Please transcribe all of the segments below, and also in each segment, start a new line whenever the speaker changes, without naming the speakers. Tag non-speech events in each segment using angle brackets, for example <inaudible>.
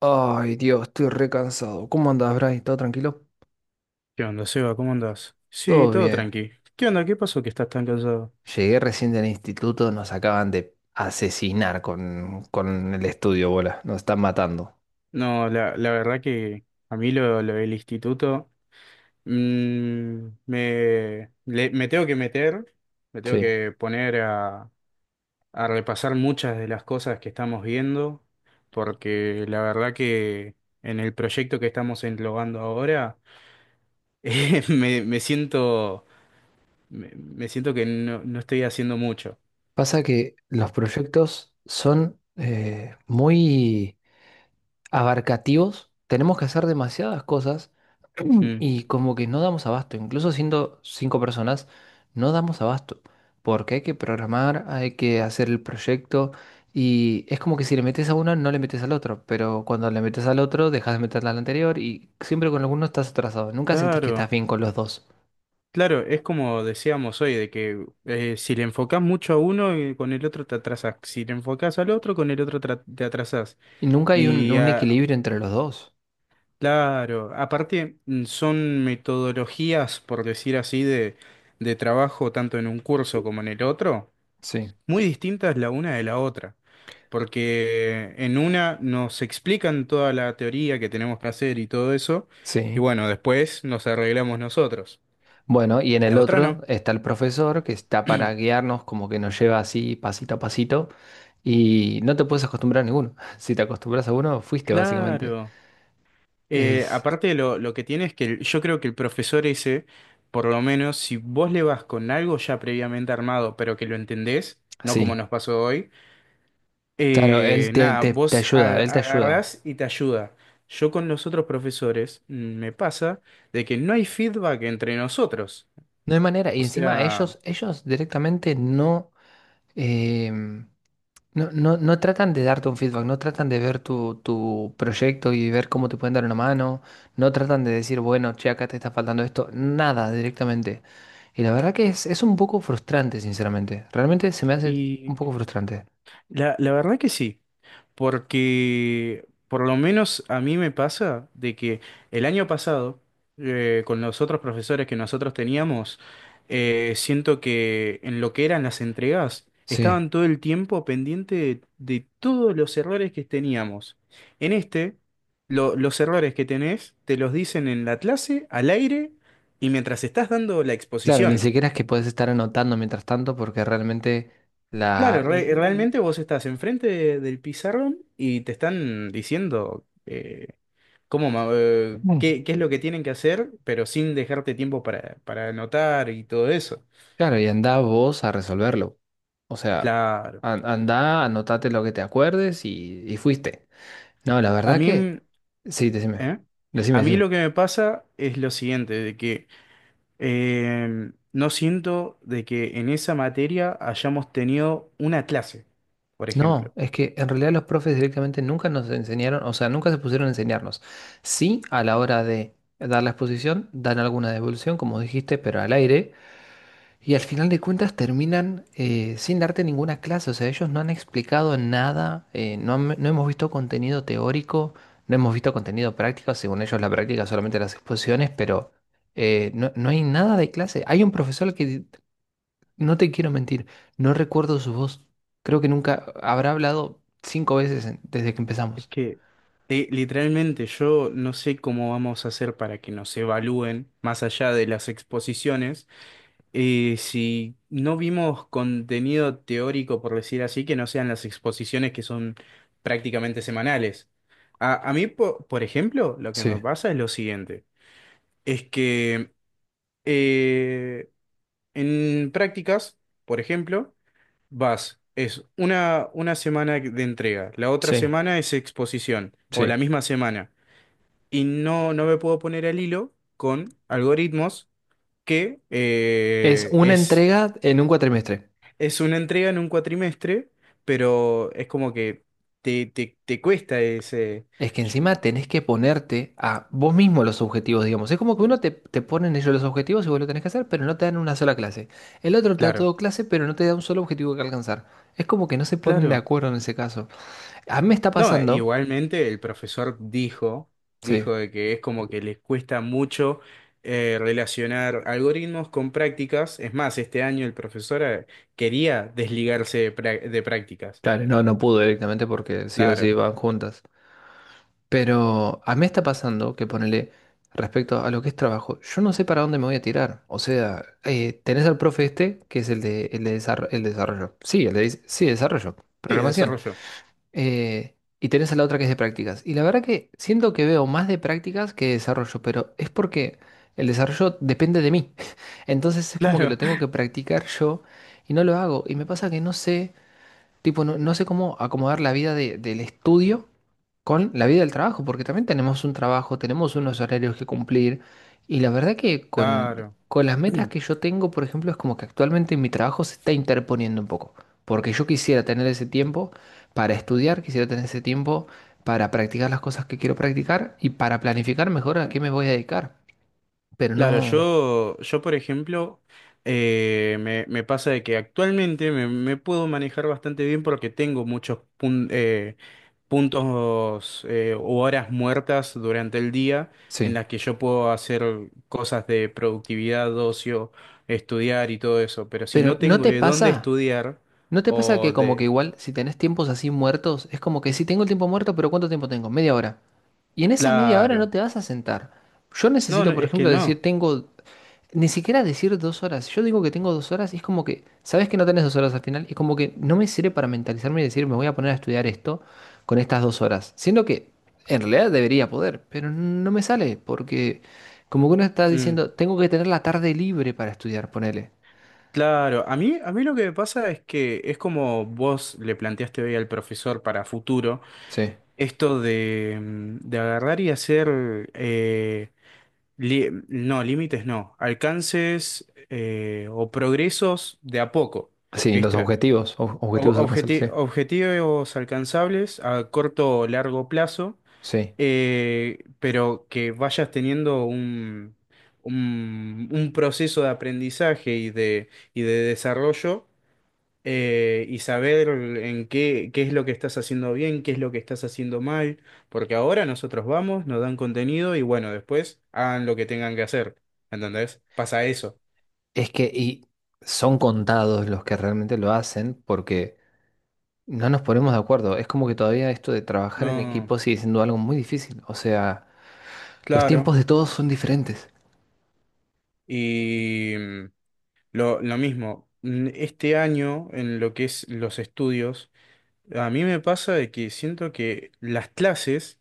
Ay, Dios, estoy re cansado. ¿Cómo andás, Bray? ¿Todo tranquilo?
¿Qué onda, Seba? ¿Cómo andás? Sí,
Todo
todo
bien.
tranqui. ¿Qué onda? ¿Qué pasó que estás tan cansado?
Llegué recién del instituto, nos acaban de asesinar con el estudio, bola. Nos están matando.
No, la verdad que a mí lo del instituto me tengo que meter, me tengo
Sí.
que poner a repasar muchas de las cosas que estamos viendo, porque la verdad que en el proyecto que estamos englobando ahora <laughs> me siento, me siento que no estoy haciendo mucho.
Pasa que los proyectos son muy abarcativos, tenemos que hacer demasiadas cosas <clears throat>
Mm.
y como que no damos abasto, incluso siendo cinco personas, no damos abasto, porque hay que programar, hay que hacer el proyecto y es como que si le metes a uno no le metes al otro, pero cuando le metes al otro dejas de meterle al anterior y siempre con alguno estás atrasado, nunca sentís que estás
Claro.
bien con los dos
Claro, es como decíamos hoy, de que si le enfocás mucho a uno, con el otro te atrasás. Si le enfocás al otro, con el otro te atrasás.
y nunca hay un,
Y
un
ah,
equilibrio entre los dos.
claro, aparte son metodologías, por decir así, de trabajo tanto en un curso como en el otro,
Sí,
muy distintas la una de la otra. Porque en una nos explican toda la teoría que tenemos que hacer y todo eso, y
sí.
bueno, después nos arreglamos nosotros.
Bueno, y en
En
el
la otra
otro
no.
está el profesor que está para guiarnos, como que nos lleva así pasito a pasito, y no te puedes acostumbrar a ninguno. <laughs> Si te acostumbras a uno, fuiste básicamente.
Claro.
Es
Aparte lo que tiene es que yo creo que el profesor ese, por lo menos, si vos le vas con algo ya previamente armado, pero que lo entendés, no como
Sí,
nos pasó hoy,
claro, él te,
nada,
te- te
vos
ayuda, él te ayuda.
agarrás y te ayuda. Yo con los otros profesores me pasa de que no hay feedback entre nosotros.
No hay manera, y
O
encima
sea,
ellos directamente no, em, no, no, no tratan de darte un feedback, no tratan de ver tu proyecto y ver cómo te pueden dar una mano, no tratan de decir, bueno, che, acá te está faltando esto, nada directamente. Y la verdad que es un poco frustrante, sinceramente. Realmente se me hace un
y
poco frustrante.
la verdad que sí. Porque por lo menos a mí me pasa de que el año pasado, con los otros profesores que nosotros teníamos, siento que en lo que eran las entregas,
Sí.
estaban todo el tiempo pendiente de todos los errores que teníamos. En este, los errores que tenés te los dicen en la clase, al aire y mientras estás dando la
Claro, ni
exposición.
siquiera es que puedes estar anotando mientras tanto porque realmente la...
Claro,
l-
realmente vos estás enfrente del pizarrón y te están diciendo.
Mm.
Qué es lo que tienen que hacer, pero sin dejarte tiempo para anotar y todo eso.
Claro, y anda vos a resolverlo. O sea,
Claro.
andá, anotate lo que te acuerdes y fuiste. No, la
A
verdad
mí,
que...
mm,
Sí, decime.
¿eh?
Decime,
A mí
decime.
lo que me pasa es lo siguiente, de que no siento de que en esa materia hayamos tenido una clase, por ejemplo.
No, es que en realidad los profes directamente nunca nos enseñaron, o sea, nunca se pusieron a enseñarnos. Sí, a la hora de dar la exposición, dan alguna devolución, como dijiste, pero al aire. Y al final de cuentas terminan sin darte ninguna clase. O sea, ellos no han explicado nada, no hemos visto contenido teórico, no hemos visto contenido práctico. Según ellos, la práctica es solamente las exposiciones, pero no hay nada de clase. Hay un profesor que no te quiero mentir, no recuerdo su voz. Creo que nunca habrá hablado cinco veces desde que
Es
empezamos.
que literalmente yo no sé cómo vamos a hacer para que nos evalúen más allá de las exposiciones. Si no vimos contenido teórico, por decir así, que no sean las exposiciones que son prácticamente semanales. Por ejemplo, lo que
Sí,
me pasa es lo siguiente, es que eh, en prácticas, por ejemplo, vas, es una semana de entrega, la otra
sí,
semana es exposición, o la
sí.
misma semana, y no me puedo poner al hilo con algoritmos que
Es una
es.
entrega en un cuatrimestre.
Es una entrega en un cuatrimestre, pero es como que te cuesta ese...
Es que
Yo.
encima tenés que ponerte a vos mismo los objetivos, digamos. Es como que uno te ponen ellos los objetivos y vos lo tenés que hacer, pero no te dan una sola clase. El otro te da
Claro,
todo clase, pero no te da un solo objetivo que alcanzar. Es como que no se ponen de
claro.
acuerdo en ese caso. A mí me está
No,
pasando.
igualmente el profesor dijo,
Sí,
dijo de que es como que les cuesta mucho relacionar algoritmos con prácticas. Es más, este año el profesor quería desligarse de, de prácticas.
claro, no pudo directamente porque sí o sí
Claro.
van juntas. Pero a mí me está pasando que ponele respecto a lo que es trabajo, yo no sé para dónde me voy a tirar. O sea, tenés al profe este, que es el desarrollo. Sí, sí, desarrollo,
Sí,
programación.
desarrollo.
Y tenés a la otra que es de prácticas. Y la verdad que siento que veo más de prácticas que de desarrollo, pero es porque el desarrollo depende de mí. <laughs> Entonces es como que lo
Claro,
tengo que practicar yo y no lo hago. Y me pasa que no sé, tipo, no sé cómo acomodar la vida del estudio con la vida del trabajo, porque también tenemos un trabajo, tenemos unos horarios que cumplir, y la verdad que
<laughs>
con,
claro.
con las metas que
<clears throat>
yo tengo, por ejemplo, es como que actualmente mi trabajo se está interponiendo un poco, porque yo quisiera tener ese tiempo para estudiar, quisiera tener ese tiempo para practicar las cosas que quiero practicar y para planificar mejor a qué me voy a dedicar, pero
Claro,
no...
yo por ejemplo, me pasa de que actualmente me puedo manejar bastante bien porque tengo muchos puntos o horas muertas durante el día en
Sí.
las que yo puedo hacer cosas de productividad, ocio, estudiar y todo eso. Pero si
Pero
no
¿no
tengo
te
de dónde
pasa?
estudiar
¿No te pasa
o
que como que
de...
igual si tenés tiempos así muertos, es como que si tengo el tiempo muerto, pero ¿cuánto tiempo tengo? Media hora. Y en esa media hora no
Claro.
te vas a sentar. Yo
No,
necesito,
no,
por
es que
ejemplo, decir,
no.
tengo, ni siquiera decir 2 horas. Yo digo que tengo 2 horas y es como que, ¿sabes que no tenés 2 horas al final? Es como que no me sirve para mentalizarme y decir, me voy a poner a estudiar esto con estas 2 horas. Siendo que en realidad debería poder, pero no me sale porque como que uno está
Mm.
diciendo, tengo que tener la tarde libre para estudiar, ponele.
Claro, a mí lo que me pasa es que es como vos le planteaste hoy al profesor para futuro,
Sí,
esto de, de agarrar y hacer, eh, límites no, alcances o progresos de a poco,
sí, los
¿viste?
objetivos, ob- objetivos alcanzables, sí,
Objetivos alcanzables a corto o largo plazo,
sí.
pero que vayas teniendo un proceso de aprendizaje y de desarrollo y saber en qué, qué es lo que estás haciendo bien, qué es lo que estás haciendo mal, porque ahora nosotros vamos, nos dan contenido y bueno, después hagan lo que tengan que hacer, ¿entendés? Pasa eso.
Y son contados los que realmente lo hacen porque... No nos ponemos de acuerdo. Es como que todavía esto de trabajar en
No,
equipo sigue siendo algo muy difícil. O sea, los
claro.
tiempos de todos son diferentes.
Y lo mismo, este año en lo que es los estudios, a mí me pasa de que siento que las clases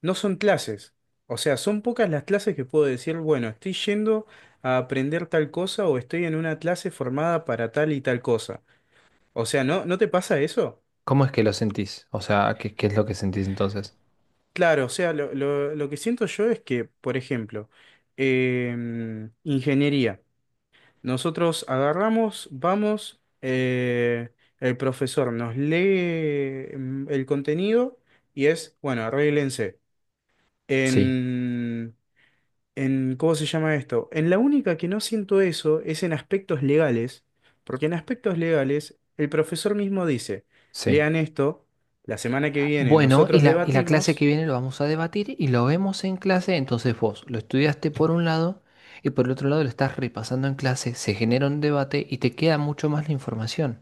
no son clases. O sea, son pocas las clases que puedo decir, bueno, estoy yendo a aprender tal cosa o estoy en una clase formada para tal y tal cosa. O sea, no te pasa eso?
¿Cómo es que lo sentís? O sea, ¿qué es lo que sentís entonces?
Claro, o sea, lo que siento yo es que, por ejemplo, ingeniería. Nosotros agarramos, vamos, el profesor nos lee el contenido y es, bueno, arréglense.
Sí,
En, en, ¿cómo se llama esto? En la única que no siento eso es en aspectos legales, porque en aspectos legales el profesor mismo dice,
sí.
lean esto, la semana que viene
Bueno, y
nosotros
la, y la clase
debatimos.
que viene lo vamos a debatir y lo vemos en clase. Entonces vos lo estudiaste por un lado y por el otro lado lo estás repasando en clase. Se genera un debate y te queda mucho más la información.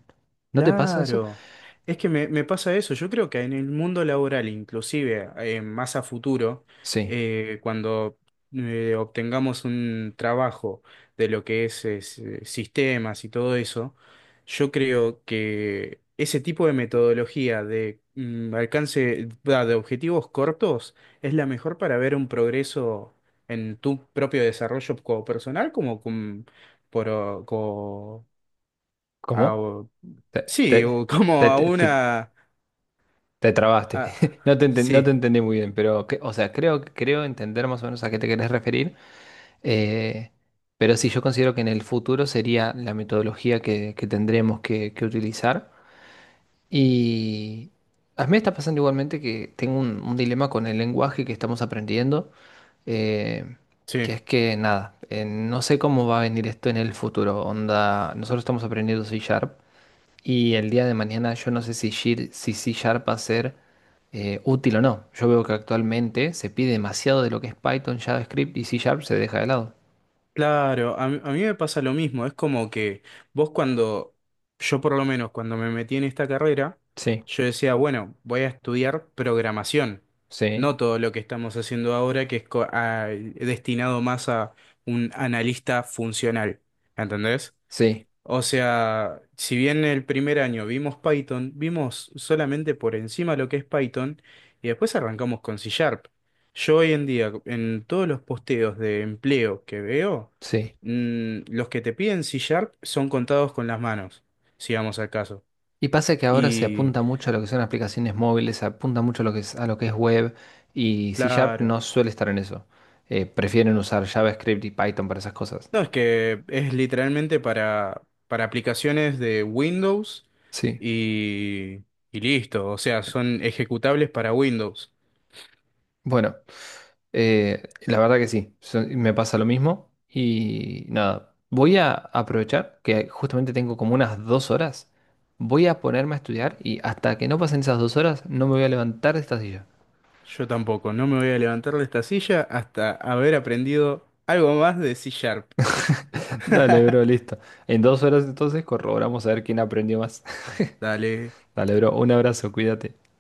¿No te pasa eso?
Claro. Es que me pasa eso. Yo creo que en el mundo laboral, inclusive más a futuro,
Sí.
cuando obtengamos un trabajo de lo que es, sistemas y todo eso, yo creo que ese tipo de metodología de alcance va, de objetivos cortos es la mejor para ver un progreso en tu propio desarrollo como personal como, con- por, o- co-
¿Cómo?
a-
Te,
sí,
te,
o como
te,
a
te- te-
una...
Te trabaste.
a.
<laughs> No te
Sí,
entendí muy bien, pero, o sea, creo entender más o menos a qué te querés referir. eh, pero sí, yo considero que en el futuro sería la metodología que tendremos que utilizar. Y a mí me está pasando igualmente que tengo un dilema con el lenguaje que estamos aprendiendo, eh,
sí.
que es que, nada, no sé cómo va a venir esto en el futuro. Onda, nosotros estamos aprendiendo C Sharp y el día de mañana yo no sé si C Sharp va a ser útil o no. Yo veo que actualmente se pide demasiado de lo que es Python, JavaScript y C Sharp se deja de lado.
Claro, a mí me pasa lo mismo. Es como que vos cuando, yo por lo menos cuando me metí en esta carrera,
Sí,
yo decía, bueno, voy a estudiar programación.
sí,
No todo lo que estamos haciendo ahora, que es destinado más a un analista funcional. ¿Entendés?
sí,
O sea, si bien el primer año vimos Python, vimos solamente por encima lo que es Python y después arrancamos con C Sharp. Yo hoy en día, en todos los posteos de empleo que veo,
sí.
los que te piden C Sharp son contados con las manos, si vamos al caso.
Y pasa que ahora se
Y
apunta mucho a lo que son aplicaciones móviles, se apunta mucho a lo que es web y C Sharp
claro,
no suele estar en eso. Prefieren usar JavaScript y Python para esas cosas.
no, es que es literalmente para aplicaciones de Windows
Sí.
y, y listo. O sea, son ejecutables para Windows.
Bueno. La verdad que sí, me pasa lo mismo y nada, voy a aprovechar que justamente tengo como unas 2 horas, voy a ponerme a estudiar y hasta que no pasen esas 2 horas no me voy a levantar de esta silla.
Yo tampoco, no me voy a levantar de esta silla hasta haber aprendido algo más de C Sharp.
<laughs> Dale, bro,
<laughs>
listo. En 2 horas entonces corroboramos a ver quién aprendió más. <laughs>
Dale.
Dale, bro, un abrazo, cuídate.